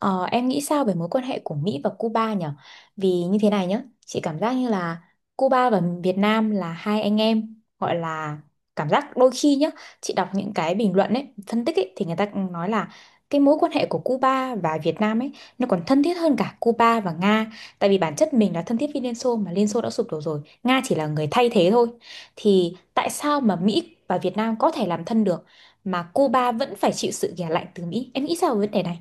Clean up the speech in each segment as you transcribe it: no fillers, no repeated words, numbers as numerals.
Ờ, em nghĩ sao về mối quan hệ của Mỹ và Cuba nhỉ? Vì như thế này nhá, chị cảm giác như là Cuba và Việt Nam là hai anh em, gọi là cảm giác đôi khi nhá, chị đọc những cái bình luận ấy, phân tích ấy thì người ta cũng nói là cái mối quan hệ của Cuba và Việt Nam ấy nó còn thân thiết hơn cả Cuba và Nga, tại vì bản chất mình là thân thiết với Liên Xô mà Liên Xô đã sụp đổ rồi, Nga chỉ là người thay thế thôi. Thì tại sao mà Mỹ và Việt Nam có thể làm thân được mà Cuba vẫn phải chịu sự ghẻ lạnh từ Mỹ? Em nghĩ sao về vấn đề này?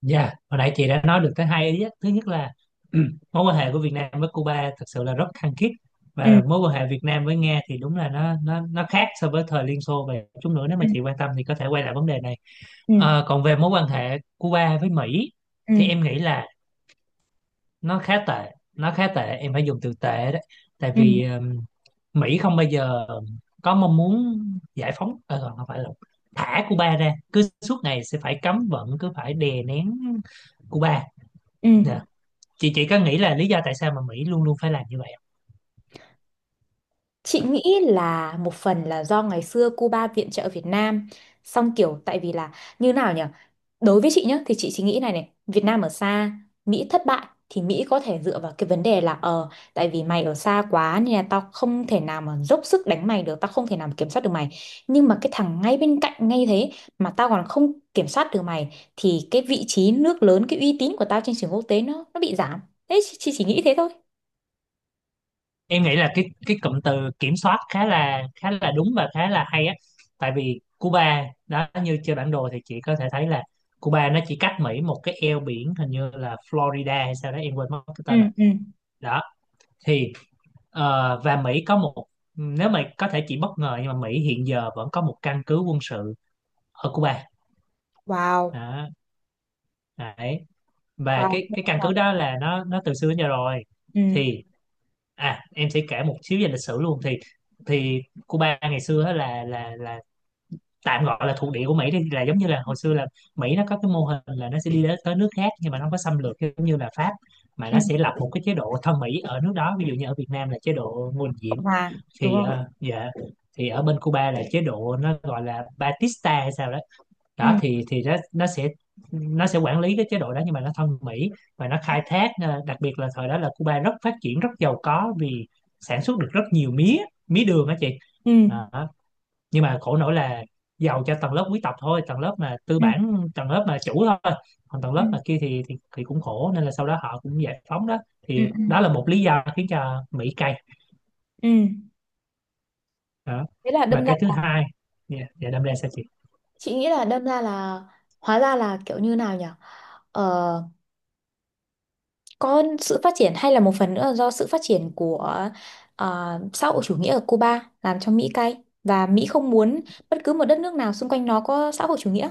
Dạ, hồi nãy chị đã nói được tới hai ý á. Thứ nhất là mối quan hệ của Việt Nam với Cuba thật sự là rất khăng khít, và mối quan hệ Việt Nam với Nga thì đúng là nó khác so với thời Liên Xô, và chút nữa nếu Ừ. mà chị quan tâm thì có thể quay lại vấn đề này. Ừ. Còn về mối quan hệ Cuba với Mỹ thì Ừ. em nghĩ là nó khá tệ, em phải dùng từ tệ đấy. Tại Ừ. vì Mỹ không bao giờ có mong muốn giải phóng, không phải là thả Cuba ra, cứ suốt ngày sẽ phải cấm vận, cứ phải đè nén Cuba. Ừ. Dạ, chị có nghĩ là lý do tại sao mà Mỹ luôn luôn phải làm như vậy không? Chị nghĩ là một phần là do ngày xưa Cuba viện trợ Việt Nam xong kiểu tại vì là như nào nhỉ, đối với chị nhá thì chị chỉ nghĩ này này Việt Nam ở xa, Mỹ thất bại thì Mỹ có thể dựa vào cái vấn đề là tại vì mày ở xa quá nên là tao không thể nào mà dốc sức đánh mày được, tao không thể nào mà kiểm soát được mày, nhưng mà cái thằng ngay bên cạnh ngay thế mà tao còn không kiểm soát được mày thì cái vị trí nước lớn, cái uy tín của tao trên trường quốc tế nó bị giảm. Thế chị chỉ nghĩ thế thôi. Em nghĩ là cái cụm từ kiểm soát khá là đúng và khá là hay á. Tại vì Cuba đó, như trên bản đồ thì chị có thể thấy là Cuba nó chỉ cách Mỹ một cái eo biển, hình như là Florida hay sao đó, em quên mất cái Ừ. tên rồi. Ừ. Đó, thì và Mỹ có một, nếu mà có thể chị bất ngờ, nhưng mà Mỹ hiện giờ vẫn có một căn cứ quân sự ở Cuba. Wow. Đó, đấy. Và Wow, cái đúng cái căn rồi. cứ đó là nó từ xưa đến giờ rồi. Ừ. Thì à, em sẽ kể một xíu về lịch sử luôn. Thì Thì Cuba ngày xưa á, là tạm gọi là thuộc địa của Mỹ đi, là giống như là hồi xưa là Mỹ nó có cái mô hình là nó sẽ đi đến tới nước khác nhưng mà nó không có xâm lược giống như là Pháp, mà Ừ. nó sẽ lập một cái chế độ thân Mỹ ở nước đó, ví dụ như ở Việt Nam là chế độ Ngô Đình Cộng Diệm. hòa đúng Thì không? Dạ, thì ở bên Cuba là chế độ nó gọi là Batista hay sao đó. Ừ. Đó thì nó sẽ, nó sẽ quản lý cái chế độ đó nhưng mà nó thân Mỹ và nó khai thác, đặc biệt là thời đó là Cuba rất phát triển, rất giàu có vì sản xuất được rất nhiều mía, mía đường á chị. Ừ. Đó. Nhưng mà khổ nỗi là giàu cho tầng lớp quý tộc thôi, tầng lớp mà tư Ừ. bản, tầng lớp mà chủ thôi, còn tầng Ừ. lớp mà kia thì, thì cũng khổ nên là sau đó họ cũng giải phóng đó. Ừ. Thì Ừ. đó là một lý do khiến cho Mỹ cay. Ừ. Đó, Thế là và đâm ra cái thứ hai, dạ dạ, đâm ra sao chị? chị nghĩ là đâm ra là hóa ra là kiểu như nào nhỉ, ờ, có sự phát triển hay là một phần nữa là do sự phát triển của xã hội chủ nghĩa ở Cuba làm cho Mỹ cay và Mỹ không muốn bất cứ một đất nước nào xung quanh nó có xã hội chủ nghĩa.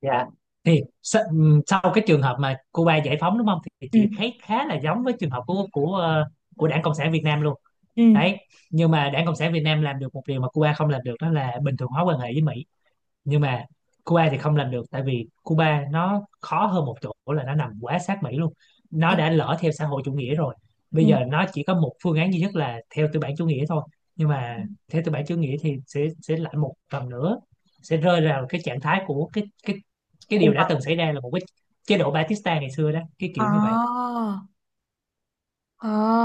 Dạ. Thì sau cái trường hợp mà Cuba giải phóng đúng không, thì Ừ. chị thấy khá là giống với trường hợp của của Đảng Cộng sản Việt Nam luôn. Ừ. Đấy, nhưng mà Đảng Cộng sản Việt Nam làm được một điều mà Cuba không làm được, đó là bình thường hóa quan hệ với Mỹ, nhưng mà Cuba thì không làm được, tại vì Cuba nó khó hơn một chỗ là nó nằm quá sát Mỹ luôn. Nó Đúng. đã lỡ theo xã hội chủ nghĩa rồi, bây Ừ. giờ nó chỉ có một phương án duy nhất là theo tư bản chủ nghĩa thôi. Nhưng mà theo tư bản chủ nghĩa thì sẽ lại một lần nữa sẽ rơi vào cái trạng thái của cái cái Khủng điều đã hoảng. từng xảy ra, là một cái chế độ Batista ngày xưa đó, cái kiểu À. như vậy,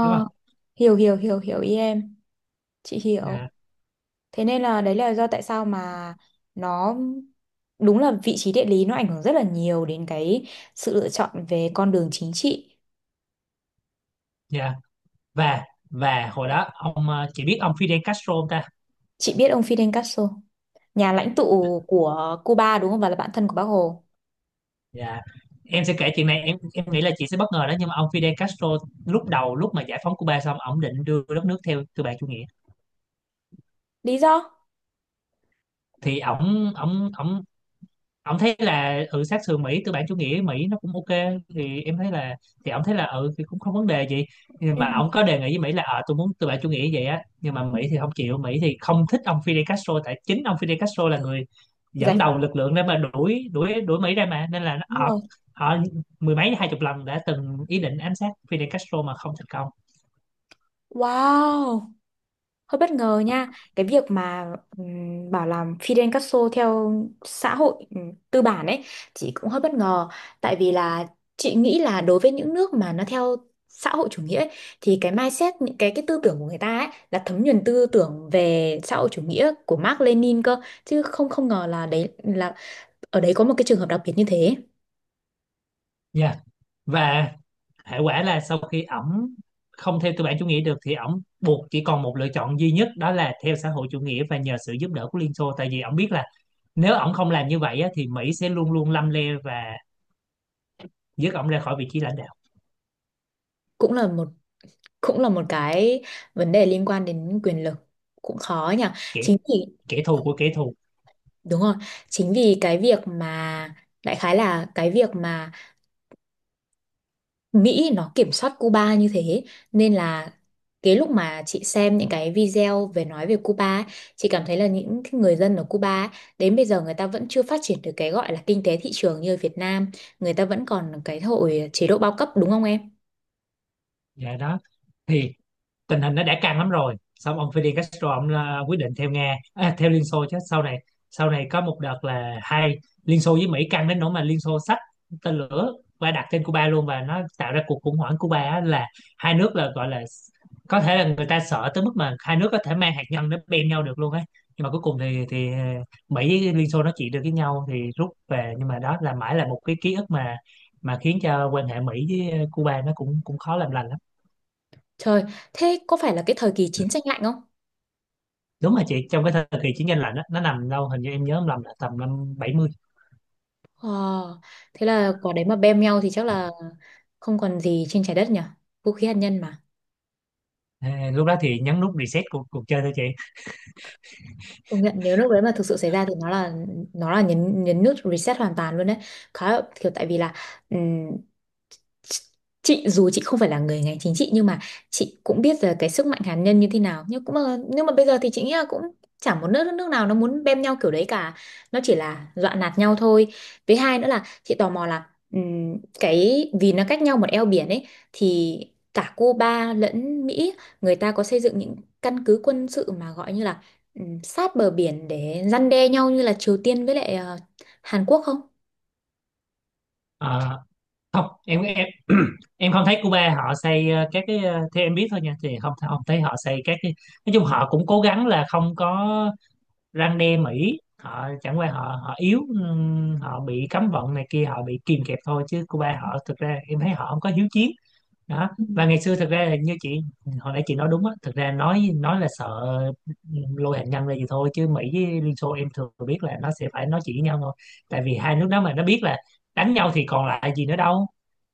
đúng không? Hiểu hiểu hiểu hiểu ý em, chị hiểu. Dạ Thế nên là đấy là do tại sao mà nó đúng là vị trí địa lý nó ảnh hưởng rất là nhiều đến cái sự lựa chọn về con đường chính trị. dạ. Và hồi đó ông, chị biết ông Fidel Castro không ta? Chị biết ông Fidel Castro, nhà lãnh tụ của Cuba đúng không? Và là bạn thân của Bác Hồ. Dạ. Em sẽ kể chuyện này, em nghĩ là chị sẽ bất ngờ đó, nhưng mà ông Fidel Castro lúc đầu, lúc mà giải phóng Cuba xong, ổng định đưa đất nước theo tư bản chủ nghĩa. Lý do? Thì ổng ổng ổng ông thấy là ừ, sát sườn Mỹ tư bản chủ nghĩa, Mỹ nó cũng ok, thì em thấy là, thì ông thấy là ừ thì cũng không vấn đề gì. Nhưng Ừ. mà ông có đề nghị với Mỹ là ờ tôi muốn tư bản chủ nghĩa vậy á, nhưng mà Mỹ thì không chịu, Mỹ thì không thích ông Fidel Castro tại chính ông Fidel Castro là người Giải dẫn phóng, đầu lực lượng để mà đuổi đuổi đuổi Mỹ ra mà, nên là đúng họ, rồi. họ mười mấy hai chục lần đã từng ý định ám sát Fidel Castro mà không thành công. Wow, hơi bất ngờ nha, cái việc mà bảo là Fidel Castro theo xã hội tư bản ấy, chị cũng hơi bất ngờ. Tại vì là chị nghĩ là đối với những nước mà nó theo xã hội chủ nghĩa ấy, thì cái mindset, những cái tư tưởng của người ta ấy là thấm nhuần tư tưởng về xã hội chủ nghĩa của Marx Lenin cơ, chứ không không ngờ là đấy là ở đấy có một cái trường hợp đặc biệt như thế. Dạ. Và hệ quả là sau khi ổng không theo tư bản chủ nghĩa được thì ổng buộc chỉ còn một lựa chọn duy nhất, đó là theo xã hội chủ nghĩa và nhờ sự giúp đỡ của Liên Xô, tại vì ổng biết là nếu ổng không làm như vậy á, thì Mỹ sẽ luôn luôn lăm le và dứt ổng ra khỏi vị trí lãnh đạo. Cũng là một cũng là một cái vấn đề liên quan đến quyền lực, cũng khó nhỉ. Kẻ Chính vì kẻ thù của kẻ thù. đúng rồi, chính vì cái việc mà đại khái là cái việc mà Mỹ nó kiểm soát Cuba như thế nên là cái lúc mà chị xem những cái video về nói về Cuba ấy, chị cảm thấy là những người dân ở Cuba ấy, đến bây giờ người ta vẫn chưa phát triển được cái gọi là kinh tế thị trường như ở Việt Nam, người ta vẫn còn cái hội chế độ bao cấp đúng không em? Dạ đó. Thì tình hình nó đã căng lắm rồi, xong ông Fidel Castro ông, quyết định theo Nga, theo Liên Xô. Chứ sau này, sau này có một đợt là hai, Liên Xô với Mỹ căng đến nỗi mà Liên Xô xách tên lửa và đặt trên Cuba luôn, và nó tạo ra cuộc khủng hoảng Cuba á, là hai nước là gọi là có thể là người ta sợ tới mức mà hai nước có thể mang hạt nhân nó bem nhau được luôn ấy. Nhưng mà cuối cùng thì Mỹ với Liên Xô nó chỉ được với nhau thì rút về, nhưng mà đó là mãi là một cái ký ức mà khiến cho quan hệ Mỹ với Cuba nó cũng cũng khó làm lành lắm. Trời, thế có phải là cái thời kỳ chiến tranh lạnh không? Đúng rồi chị, trong cái thời kỳ chiến tranh lạnh đó, nó nằm đâu hình như em nhớ không lầm là tầm năm 70. Ờ, thế là quả đấy mà bem nhau thì chắc là không còn gì trên trái đất nhỉ? Vũ khí hạt nhân. À, lúc đó thì nhấn nút reset cuộc cuộc chơi thôi chị. Công nhận nếu lúc đấy mà thực sự xảy ra thì nó là nhấn nhấn nút reset hoàn toàn luôn đấy, khá là kiểu tại vì là chị dù chị không phải là người ngành chính trị nhưng mà chị cũng biết là cái sức mạnh hạt nhân như thế nào, nhưng cũng mà nhưng mà bây giờ thì chị nghĩ là cũng chả một nước nước nào nó muốn bem nhau kiểu đấy cả, nó chỉ là dọa nạt nhau thôi. Với hai nữa là chị tò mò là cái vì nó cách nhau một eo biển ấy thì cả Cuba lẫn Mỹ người ta có xây dựng những căn cứ quân sự mà gọi như là sát bờ biển để răn đe nhau như là Triều Tiên với lại Hàn Quốc không? Ờ, không, em em không thấy Cuba họ xây, các cái, theo em biết thôi nha, thì không không thấy họ xây các cái. Nói chung họ cũng cố gắng là không có răn đe Mỹ, họ chẳng qua họ họ yếu, họ bị cấm vận này kia, họ bị kìm kẹp thôi, chứ Cuba họ thực ra em thấy họ không có hiếu chiến. Đó, và ngày xưa thực ra là như chị hồi nãy chị nói đúng á, thực ra nói là sợ lôi hạt nhân ra gì thôi, chứ Mỹ với Liên Xô em thường biết là nó sẽ phải nói chuyện với nhau thôi. Tại vì hai nước đó mà nó biết là đánh nhau thì còn lại gì nữa đâu,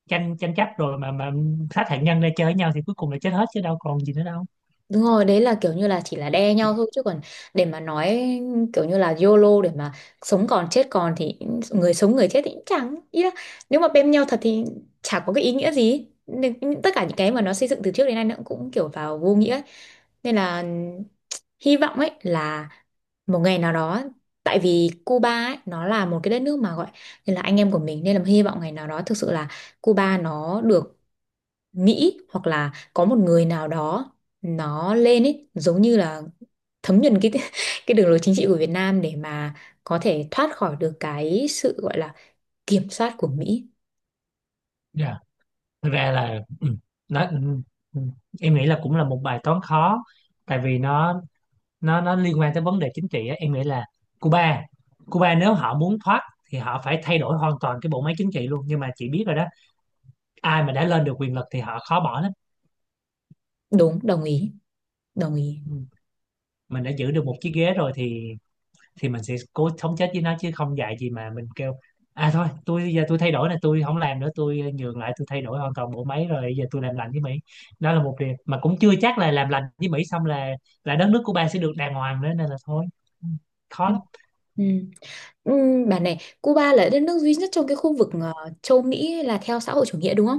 tranh tranh chấp rồi mà sát hạt nhân ra chơi với nhau thì cuối cùng là chết hết chứ đâu còn gì nữa đâu. Đúng rồi, đấy là kiểu như là chỉ là đe nhau thôi chứ còn để mà nói kiểu như là YOLO để mà sống còn chết còn thì người sống người chết thì cũng chẳng ý là nếu mà bên nhau thật thì chả có cái ý nghĩa gì, nên tất cả những cái mà nó xây dựng từ trước đến nay nó cũng kiểu vào vô nghĩa ấy. Nên là hy vọng ấy là một ngày nào đó tại vì Cuba ấy, nó là một cái đất nước mà gọi như là anh em của mình nên là hy vọng ngày nào đó thực sự là Cuba nó được nghĩ hoặc là có một người nào đó nó lên ấy giống như là thấm nhuần cái cái đường lối chính trị của Việt Nam để mà có thể thoát khỏi được cái sự gọi là kiểm soát của Mỹ. Dạ. Thực ra là ừ, nó ừ, ừ, em nghĩ là cũng là một bài toán khó, tại vì nó nó liên quan tới vấn đề chính trị á. Em nghĩ là Cuba Cuba nếu họ muốn thoát thì họ phải thay đổi hoàn toàn cái bộ máy chính trị luôn, nhưng mà chị biết rồi đó, ai mà đã lên được quyền lực thì họ khó bỏ lắm. Đúng, đồng ý, đồng ý. Ừ. Mình đã giữ được một chiếc ghế rồi thì mình sẽ cố sống chết với nó, chứ không dạy gì mà mình kêu à thôi tôi giờ tôi thay đổi này, tôi không làm nữa, tôi nhường lại, tôi thay đổi hoàn toàn bộ máy rồi giờ tôi làm lành với Mỹ. Đó là một điều mà cũng chưa chắc là làm lành với Mỹ xong là đất nước Cuba sẽ được đàng hoàng nữa, nên là thôi. Ừ, khó Ừ. lắm. Ừ. Ừ, bà này, Cuba là đất nước duy nhất trong cái khu vực châu Mỹ là theo xã hội chủ nghĩa đúng không?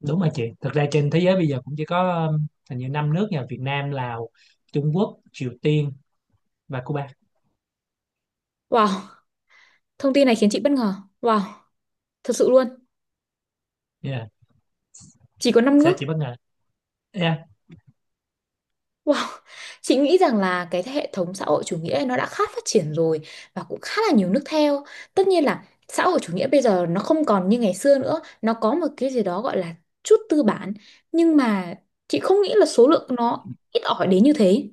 Đúng rồi chị, thực ra trên thế giới bây giờ cũng chỉ có hình như năm nước nha, Việt Nam, Lào, Trung Quốc, Triều Tiên và Cuba. Wow, thông tin này khiến chị bất ngờ. Wow, thật sự luôn. Yeah, Chỉ có 5 sẽ nước. chị bất ngờ. Yeah, Wow, chị nghĩ rằng là cái hệ thống xã hội chủ nghĩa ấy nó đã khá phát triển rồi và cũng khá là nhiều nước theo. Tất nhiên là xã hội chủ nghĩa bây giờ nó không còn như ngày xưa nữa, nó có một cái gì đó gọi là chút tư bản, nhưng mà chị không nghĩ là số lượng nó ít ỏi đến như thế.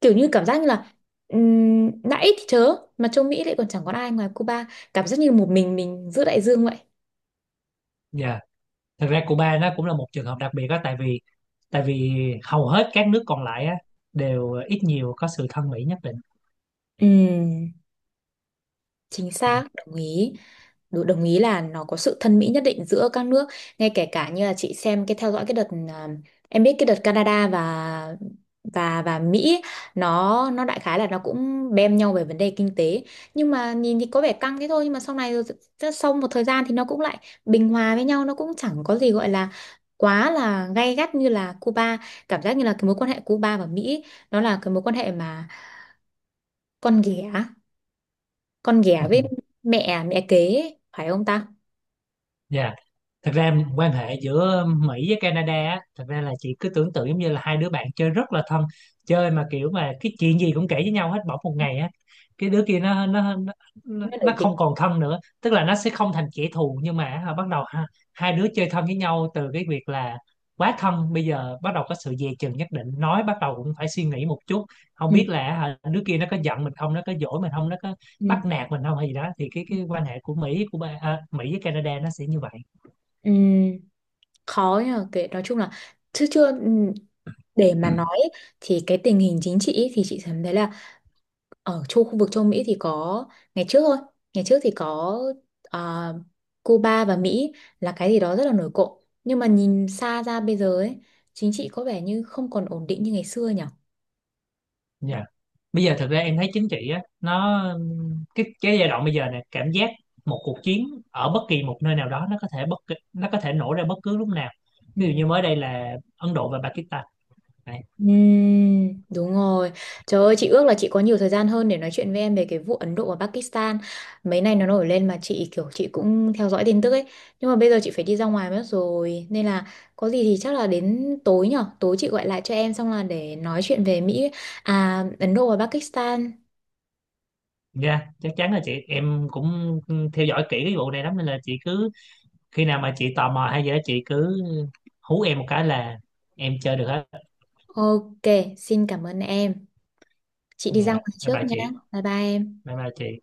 Kiểu như cảm giác như là đã ít thì chớ, mà châu Mỹ lại còn chẳng có ai ngoài Cuba, cảm giác như một mình giữa đại dương vậy. dạ. Thực ra Cuba nó cũng là một trường hợp đặc biệt đó, tại vì tại vì hầu hết các nước còn lại á đều ít nhiều có sự thân Mỹ nhất định. Ừm. Chính Ừ. xác, đồng ý. Đủ- đồng ý là nó có sự thân mỹ nhất định giữa các nước. Ngay kể cả như là chị xem cái theo dõi cái đợt à, em biết cái đợt Canada và và Mỹ ấy, nó đại khái là nó cũng bem nhau về vấn đề kinh tế. Nhưng mà nhìn thì có vẻ căng thế thôi nhưng mà sau này rồi sau một thời gian thì nó cũng lại bình hòa với nhau, nó cũng chẳng có gì gọi là quá là gay gắt như là Cuba. Cảm giác như là cái mối quan hệ Cuba và Mỹ nó là cái mối quan hệ mà con ghẻ con ghẻ với mẹ mẹ kế ấy, phải không ta? Yeah. Thật ra quan hệ giữa Mỹ với Canada á, thật ra là chị cứ tưởng tượng giống như là hai đứa bạn chơi rất là thân, chơi mà kiểu mà cái chuyện gì cũng kể với nhau hết, bỗng một ngày á cái đứa kia nó Nó nó nổi tiếng. không còn thân nữa, tức là nó sẽ không thành kẻ thù nhưng mà á, bắt đầu ha, hai đứa chơi thân với nhau từ cái việc là quá thân, bây giờ bắt đầu có sự dè chừng nhất định, nói bắt đầu cũng phải suy nghĩ một chút, không Ừ, biết là hả, đứa kia nó có giận mình không, nó có dỗi mình không, nó có bắt ừ, nạt mình không hay gì đó. Thì cái quan hệ của Mỹ của Mỹ với Canada nó sẽ như vậy. ừ, khó nhờ kể nói chung là chứ chưa ừ, để mà nói ấy, thì cái tình hình chính trị ấy, thì chị cảm thấy là ở châu khu vực châu Mỹ thì có ngày trước thôi, ngày trước thì có à, Cuba và Mỹ là cái gì đó rất là nổi cộm nhưng mà nhìn xa ra bây giờ ấy chính trị có vẻ như không còn ổn định như ngày xưa nhỉ. Dạ. Bây giờ thực ra em thấy chính trị á nó, cái giai đoạn bây giờ này cảm giác một cuộc chiến ở bất kỳ một nơi nào đó nó có thể nó có thể nổ ra bất cứ lúc nào. Ví dụ như mới đây là Ấn Độ và Pakistan. Đấy. Ừm, đúng rồi. Trời ơi, chị ước là chị có nhiều thời gian hơn để nói chuyện với em về cái vụ Ấn Độ và Pakistan. Mấy nay nó nổi lên mà chị kiểu chị cũng theo dõi tin tức ấy. Nhưng mà bây giờ chị phải đi ra ngoài mất rồi. Nên là có gì thì chắc là đến tối nhở. Tối chị gọi lại cho em xong là để nói chuyện về Mỹ, à Ấn Độ và Pakistan. Dạ, chắc chắn là chị em cũng theo dõi kỹ cái vụ này lắm, nên là chị cứ khi nào mà chị tò mò hay gì đó chị cứ hú em một cái là em chơi được hết. Ok, xin cảm ơn em. Chị đi ra Dạ. ngoài Bye trước bye nhá. chị. Bye bye em. Bye bye chị.